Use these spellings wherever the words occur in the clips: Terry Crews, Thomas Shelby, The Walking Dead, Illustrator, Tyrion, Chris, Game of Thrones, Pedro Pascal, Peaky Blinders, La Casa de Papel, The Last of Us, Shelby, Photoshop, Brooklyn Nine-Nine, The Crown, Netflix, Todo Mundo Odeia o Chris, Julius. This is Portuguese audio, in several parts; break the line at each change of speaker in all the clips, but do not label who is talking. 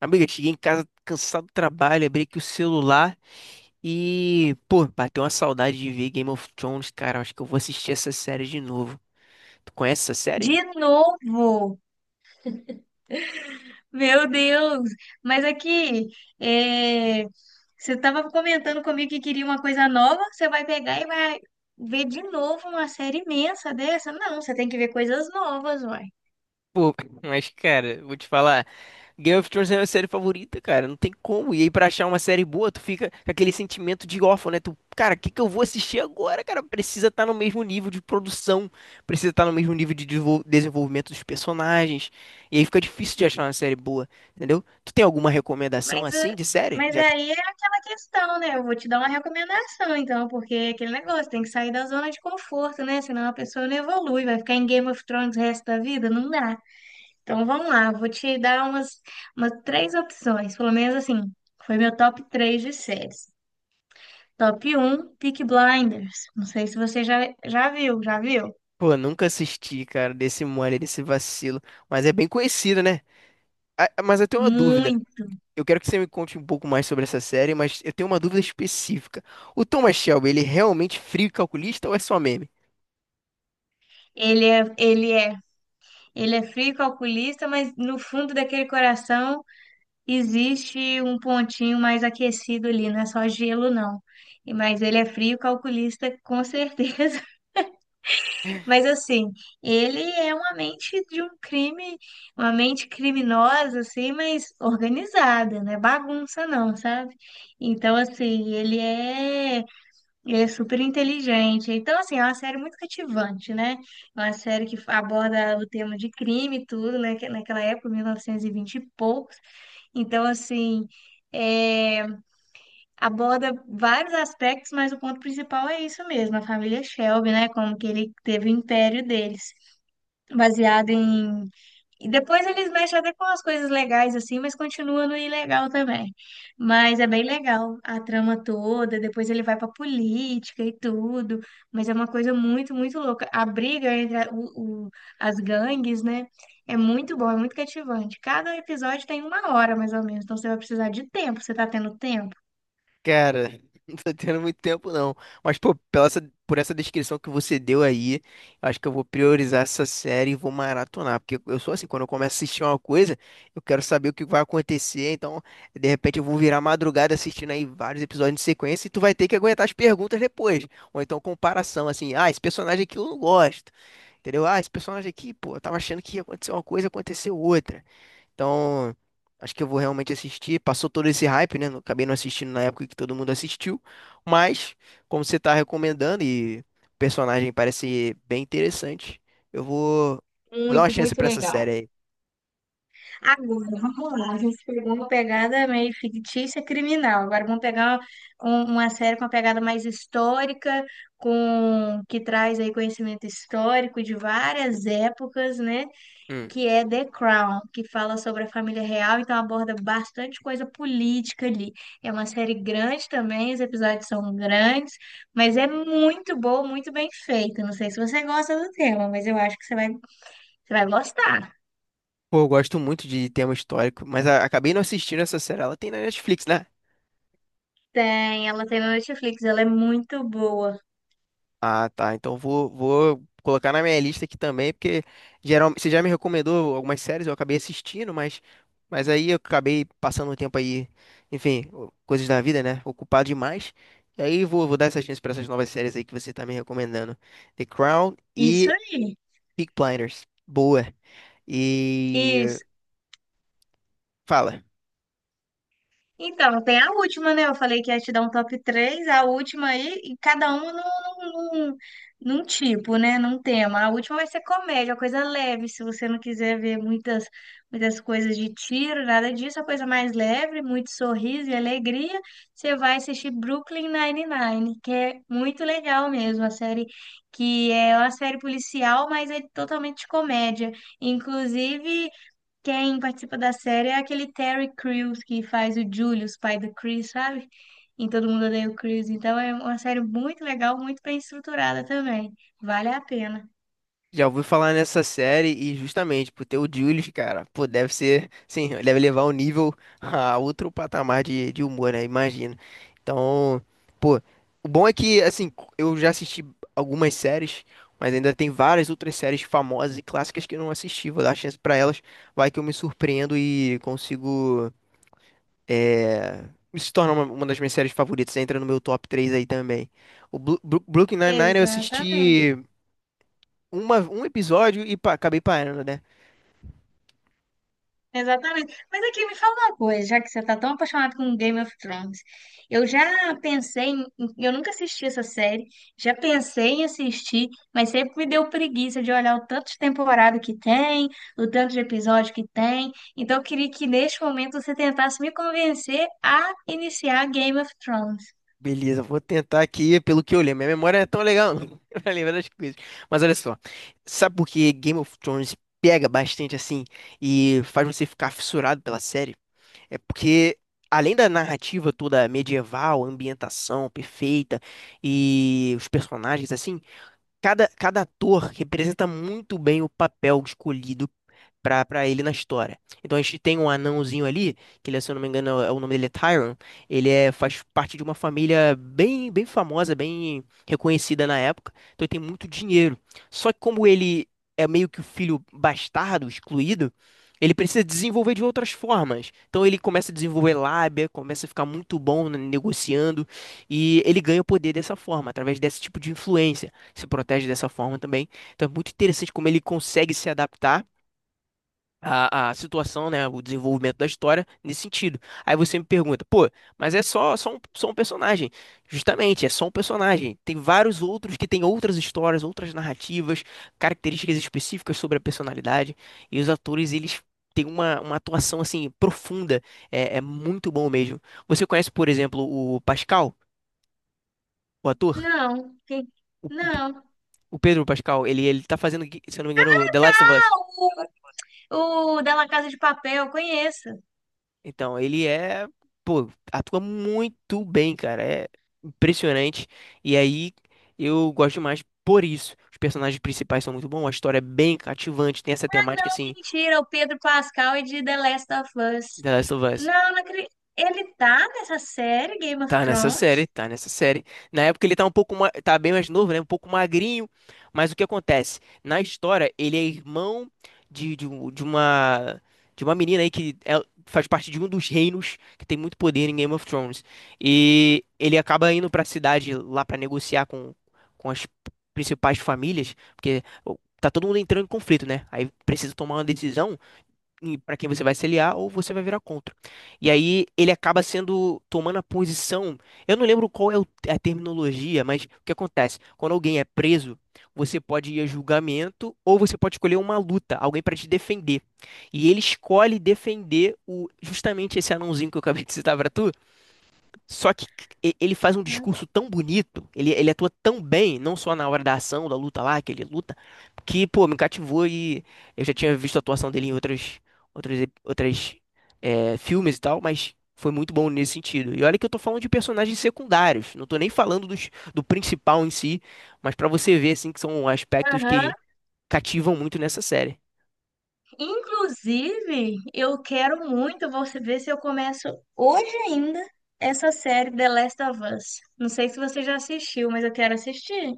Amiga, cheguei em casa cansado do trabalho, abri aqui o celular e, pô, bateu uma saudade de ver Game of Thrones, cara. Acho que eu vou assistir essa série de novo. Tu conhece essa
De
série?
novo? Meu Deus! Mas aqui, é, você estava comentando comigo que queria uma coisa nova, você vai pegar e vai ver de novo uma série imensa dessa? Não, você tem que ver coisas novas, uai.
Pô, mas cara, vou te falar. Game of Thrones é a minha série favorita, cara. Não tem como. E aí, pra achar uma série boa, tu fica com aquele sentimento de órfão, né? Tu, cara, o que que eu vou assistir agora, cara? Precisa estar no mesmo nível de produção, precisa estar no mesmo nível de desenvolvimento dos personagens. E aí fica difícil de achar uma série boa, entendeu? Tu tem alguma recomendação
Mas, é,
assim de série?
mas
Já que,
aí é aquela questão, né? Eu vou te dar uma recomendação, então, porque é aquele negócio, tem que sair da zona de conforto, né? Senão a pessoa não evolui, vai ficar em Game of Thrones o resto da vida? Não dá. Então vamos lá, vou te dar umas três opções, pelo menos assim, foi meu top 3 de séries. Top um, Peaky Blinders. Não sei se você já viu?
pô, nunca assisti, cara, desse mole, desse vacilo. Mas é bem conhecido, né? Ah, mas eu tenho uma dúvida.
Muito.
Eu quero que você me conte um pouco mais sobre essa série, mas eu tenho uma dúvida específica. O Thomas Shelby, ele é realmente frio e calculista ou é só meme?
Ele é, ele é, ele é frio calculista, mas no fundo daquele coração existe um pontinho mais aquecido ali, não é só gelo, não. Mas ele é frio calculista, com certeza. Mas assim, ele é uma mente de um crime, uma mente criminosa, assim, mas organizada, não é bagunça não, sabe? Então, assim, ele é super inteligente. Então, assim, é uma série muito cativante, né? É uma série que aborda o tema de crime e tudo, né, que naquela época, 1920 e vinte e poucos. Então, assim, é, aborda vários aspectos, mas o ponto principal é isso mesmo, a família Shelby, né? Como que ele teve o império deles baseado em. E depois eles mexem até com as coisas legais, assim, mas continua no ilegal também. Mas é bem legal a trama toda, depois ele vai pra política e tudo, mas é uma coisa muito, muito louca. A briga entre as gangues, né? É muito bom, é muito cativante. Cada episódio tem uma hora, mais ou menos, então você vai precisar de tempo, você tá tendo tempo?
Cara, não tô tendo muito tempo não. Mas, pô, por essa descrição que você deu aí, eu acho que eu vou priorizar essa série e vou maratonar. Porque eu sou assim, quando eu começo a assistir uma coisa, eu quero saber o que vai acontecer. Então, de repente, eu vou virar madrugada assistindo aí vários episódios em sequência e tu vai ter que aguentar as perguntas depois. Ou então, comparação, assim, ah, esse personagem aqui eu não gosto. Entendeu? Ah, esse personagem aqui, pô, eu tava achando que ia acontecer uma coisa, aconteceu outra. Então, acho que eu vou realmente assistir. Passou todo esse hype, né? Acabei não assistindo na época que todo mundo assistiu. Mas, como você tá recomendando e o personagem parece bem interessante, eu vou, vou dar uma
Muito,
chance
muito
pra essa
legal.
série aí.
Agora, vamos lá. A gente pegou uma pegada meio fictícia, criminal. Agora vamos pegar uma série com uma pegada mais histórica, com que traz aí conhecimento histórico de várias épocas, né?
Hum.
Que é The Crown, que fala sobre a família real, então aborda bastante coisa política ali. É uma série grande também, os episódios são grandes, mas é muito boa, muito bem feita. Não sei se você gosta do tema, mas eu acho que você vai gostar.
Pô, eu gosto muito de tema histórico, mas acabei não assistindo essa série. Ela tem na Netflix, né?
Tem, ela tem na Netflix, ela é muito boa.
Ah, tá. Então vou, vou colocar na minha lista aqui também, porque geralmente você já me recomendou algumas séries, eu acabei assistindo, mas aí eu acabei passando um tempo aí, enfim, coisas da vida, né? Ocupado demais. E aí vou, vou dar essa chance pra essas novas séries aí que você tá me recomendando. The Crown
Isso
e
aí.
Peaky Blinders. Boa. E
Isso.
fala.
Então, tem a última, né? Eu falei que ia te dar um top três, a última aí, e cada uma num tipo, né? Num tema. A última vai ser comédia, coisa leve, se você não quiser ver muitas coisas de tiro, nada disso, a coisa mais leve, muito sorriso e alegria, você vai assistir Brooklyn Nine-Nine, que é muito legal mesmo, a série, que é uma série policial, mas é totalmente de comédia. Inclusive, quem participa da série é aquele Terry Crews que faz o Julius, pai do Chris, sabe? Em Todo Mundo Odeia o Chris. Então é uma série muito legal, muito bem estruturada também. Vale a pena.
Já ouvi falar nessa série e justamente por ter o Julius, cara, pô, deve ser, sim, deve levar o nível a outro patamar de humor, né? Imagino. Então, pô, o bom é que, assim, eu já assisti algumas séries, mas ainda tem várias outras séries famosas e clássicas que eu não assisti. Vou dar chance pra elas, vai que eu me surpreendo e consigo, é, se tornar uma das minhas séries favoritas. Entra no meu top 3 aí também. O Brooklyn Nine-Nine eu
Exatamente.
assisti uma, um episódio e acabei parando, né?
Exatamente. Mas aqui me fala uma coisa, já que você tá tão apaixonado com Game of Thrones. Eu já pensei em, eu nunca assisti essa série, já pensei em assistir, mas sempre me deu preguiça de olhar o tanto de temporada que tem, o tanto de episódio que tem. Então eu queria que neste momento você tentasse me convencer a iniciar Game of Thrones.
Beleza, vou tentar aqui pelo que eu lembro. Minha memória não é tão legal, não, pra lembrar das coisas. Mas olha só, sabe por que Game of Thrones pega bastante assim e faz você ficar fissurado pela série? É porque, além da narrativa toda medieval, ambientação perfeita e os personagens assim, cada, cada ator representa muito bem o papel escolhido pra ele na história. Então a gente tem um anãozinho ali, que ele, se eu não me engano, o nome dele é Tyrion. Ele é, faz parte de uma família bem, bem famosa, bem reconhecida na época. Então ele tem muito dinheiro. Só que como ele é meio que o filho bastardo, excluído, ele precisa desenvolver de outras formas. Então ele começa a desenvolver lábia, começa a ficar muito bom né, negociando e ele ganha o poder dessa forma, através desse tipo de influência. Se protege dessa forma também. Então é muito interessante como ele consegue se adaptar a situação, né, o desenvolvimento da história nesse sentido. Aí você me pergunta, pô, mas é só, só um personagem. Justamente, é só um personagem. Tem vários outros que têm outras histórias, outras narrativas, características específicas sobre a personalidade. E os atores, eles têm uma atuação, assim, profunda. É, é muito bom mesmo. Você conhece, por exemplo, o Pascal, o ator?
Não, que-
O, o-
não.
o Pedro Pascal, ele tá fazendo, se eu não me engano, The Last of Us.
Ah, o da La Casa de Papel, eu conheço.
Então, ele é, pô, atua muito bem, cara. É impressionante. E aí, eu gosto demais por isso. Os personagens principais são muito bons, a história é bem cativante, tem essa temática, assim,
Mentira, o Pedro Pascal e de The Last of Us.
The Last of Us.
Não, não acredito. Ele tá nessa série Game of
Tá nessa
Thrones?
série, tá nessa série. Na época ele tá um pouco, tá bem mais novo, né? Um pouco magrinho, mas o que acontece? Na história, ele é irmão de, de, um- de uma de uma menina aí que faz parte de um dos reinos que tem muito poder em Game of Thrones. E ele acaba indo pra cidade lá pra negociar com as principais famílias, porque tá todo mundo entrando em conflito, né? Aí precisa tomar uma decisão para quem você vai se aliar ou você vai virar contra. E aí ele acaba sendo tomando a posição. Eu não lembro qual é é a terminologia, mas o que acontece? Quando alguém é preso, você pode ir a julgamento ou você pode escolher uma luta, alguém para te defender. E ele escolhe defender o justamente esse anãozinho que eu acabei de citar para tu, só que ele faz um
Hum.
discurso tão bonito, ele atua tão bem, não só na hora da ação, da luta lá, que ele luta, que, pô, me cativou e eu já tinha visto a atuação dele em outras, outras é, filmes e tal, mas foi muito bom nesse sentido. E olha que eu tô falando de personagens secundários, não tô nem falando dos, do principal em si, mas pra você ver, assim, que são aspectos
Aham.
que cativam muito nessa série.
Inclusive, eu quero muito, vou ver se eu começo hoje ainda essa série The Last of Us. Não sei se você já assistiu, mas eu quero assistir.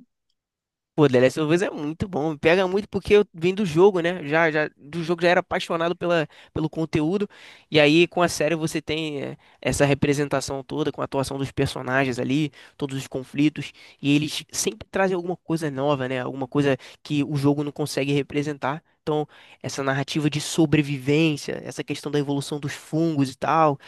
Pô, The Last of Us é muito bom, me pega muito porque eu vim do jogo, né? Já, já do jogo já era apaixonado pela, pelo conteúdo. E aí com a série você tem é, essa representação toda com a atuação dos personagens ali, todos os conflitos, e eles sempre trazem alguma coisa nova, né? Alguma coisa que o jogo não consegue representar. Então, essa narrativa de sobrevivência, essa questão da evolução dos fungos e tal,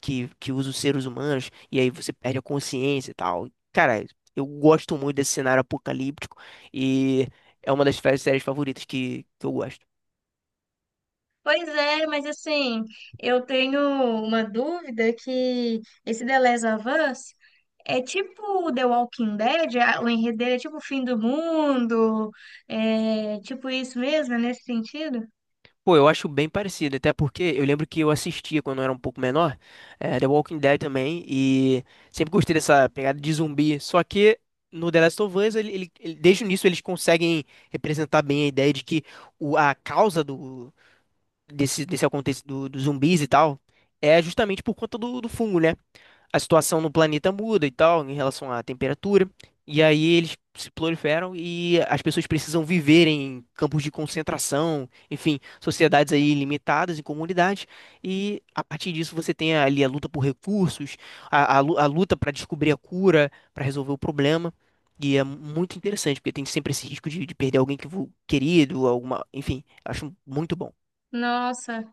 que usa os seres humanos, e aí você perde a consciência e tal. Cara, eu gosto muito desse cenário apocalíptico. E é uma das séries favoritas que eu gosto.
Pois é, mas assim, eu tenho uma dúvida, que esse The Last of Us é tipo The Walking Dead, o enredo dele é tipo o fim do mundo, é tipo isso mesmo, é nesse sentido?
Pô, eu acho bem parecido, até porque eu lembro que eu assistia quando eu era um pouco menor, The Walking Dead também, e sempre gostei dessa pegada de zumbi. Só que no The Last of Us, desde o início, eles conseguem representar bem a ideia de que o, a causa do, desse, desse acontecimento dos zumbis e tal é justamente por conta do, do fungo, né? A situação no planeta muda e tal, em relação à temperatura. E aí eles se proliferam e as pessoas precisam viver em campos de concentração, enfim, sociedades aí limitadas e comunidades. E a partir disso você tem ali a luta por recursos, a, a luta para descobrir a cura, para resolver o problema. E é muito interessante, porque tem sempre esse risco de perder alguém que querido, alguma, enfim, acho muito bom.
Nossa,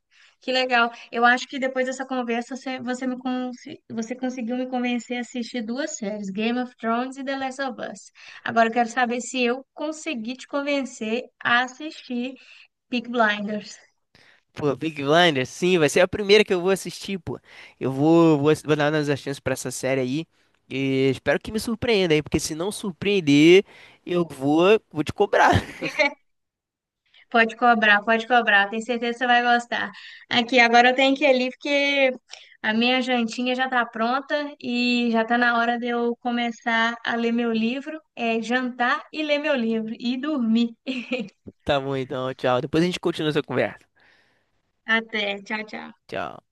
que legal. Eu acho que depois dessa conversa você conseguiu me convencer a assistir duas séries, Game of Thrones e The Last of Us. Agora eu quero saber se eu consegui te convencer a assistir Peaky Blinders.
Pô, Big Blinders, sim, vai ser a primeira que eu vou assistir, pô. Eu vou, vou, vou dar umas chances pra essa série aí. E espero que me surpreenda aí, porque se não surpreender, eu vou, vou te cobrar.
Pode cobrar, pode cobrar. Tenho certeza que você vai gostar. Aqui, agora eu tenho que ir ali porque a minha jantinha já está pronta e já está na hora de eu começar a ler meu livro, é jantar e ler meu livro e dormir.
Tá bom, então, tchau. Depois a gente continua essa conversa.
Até, tchau, tchau.
Tchau.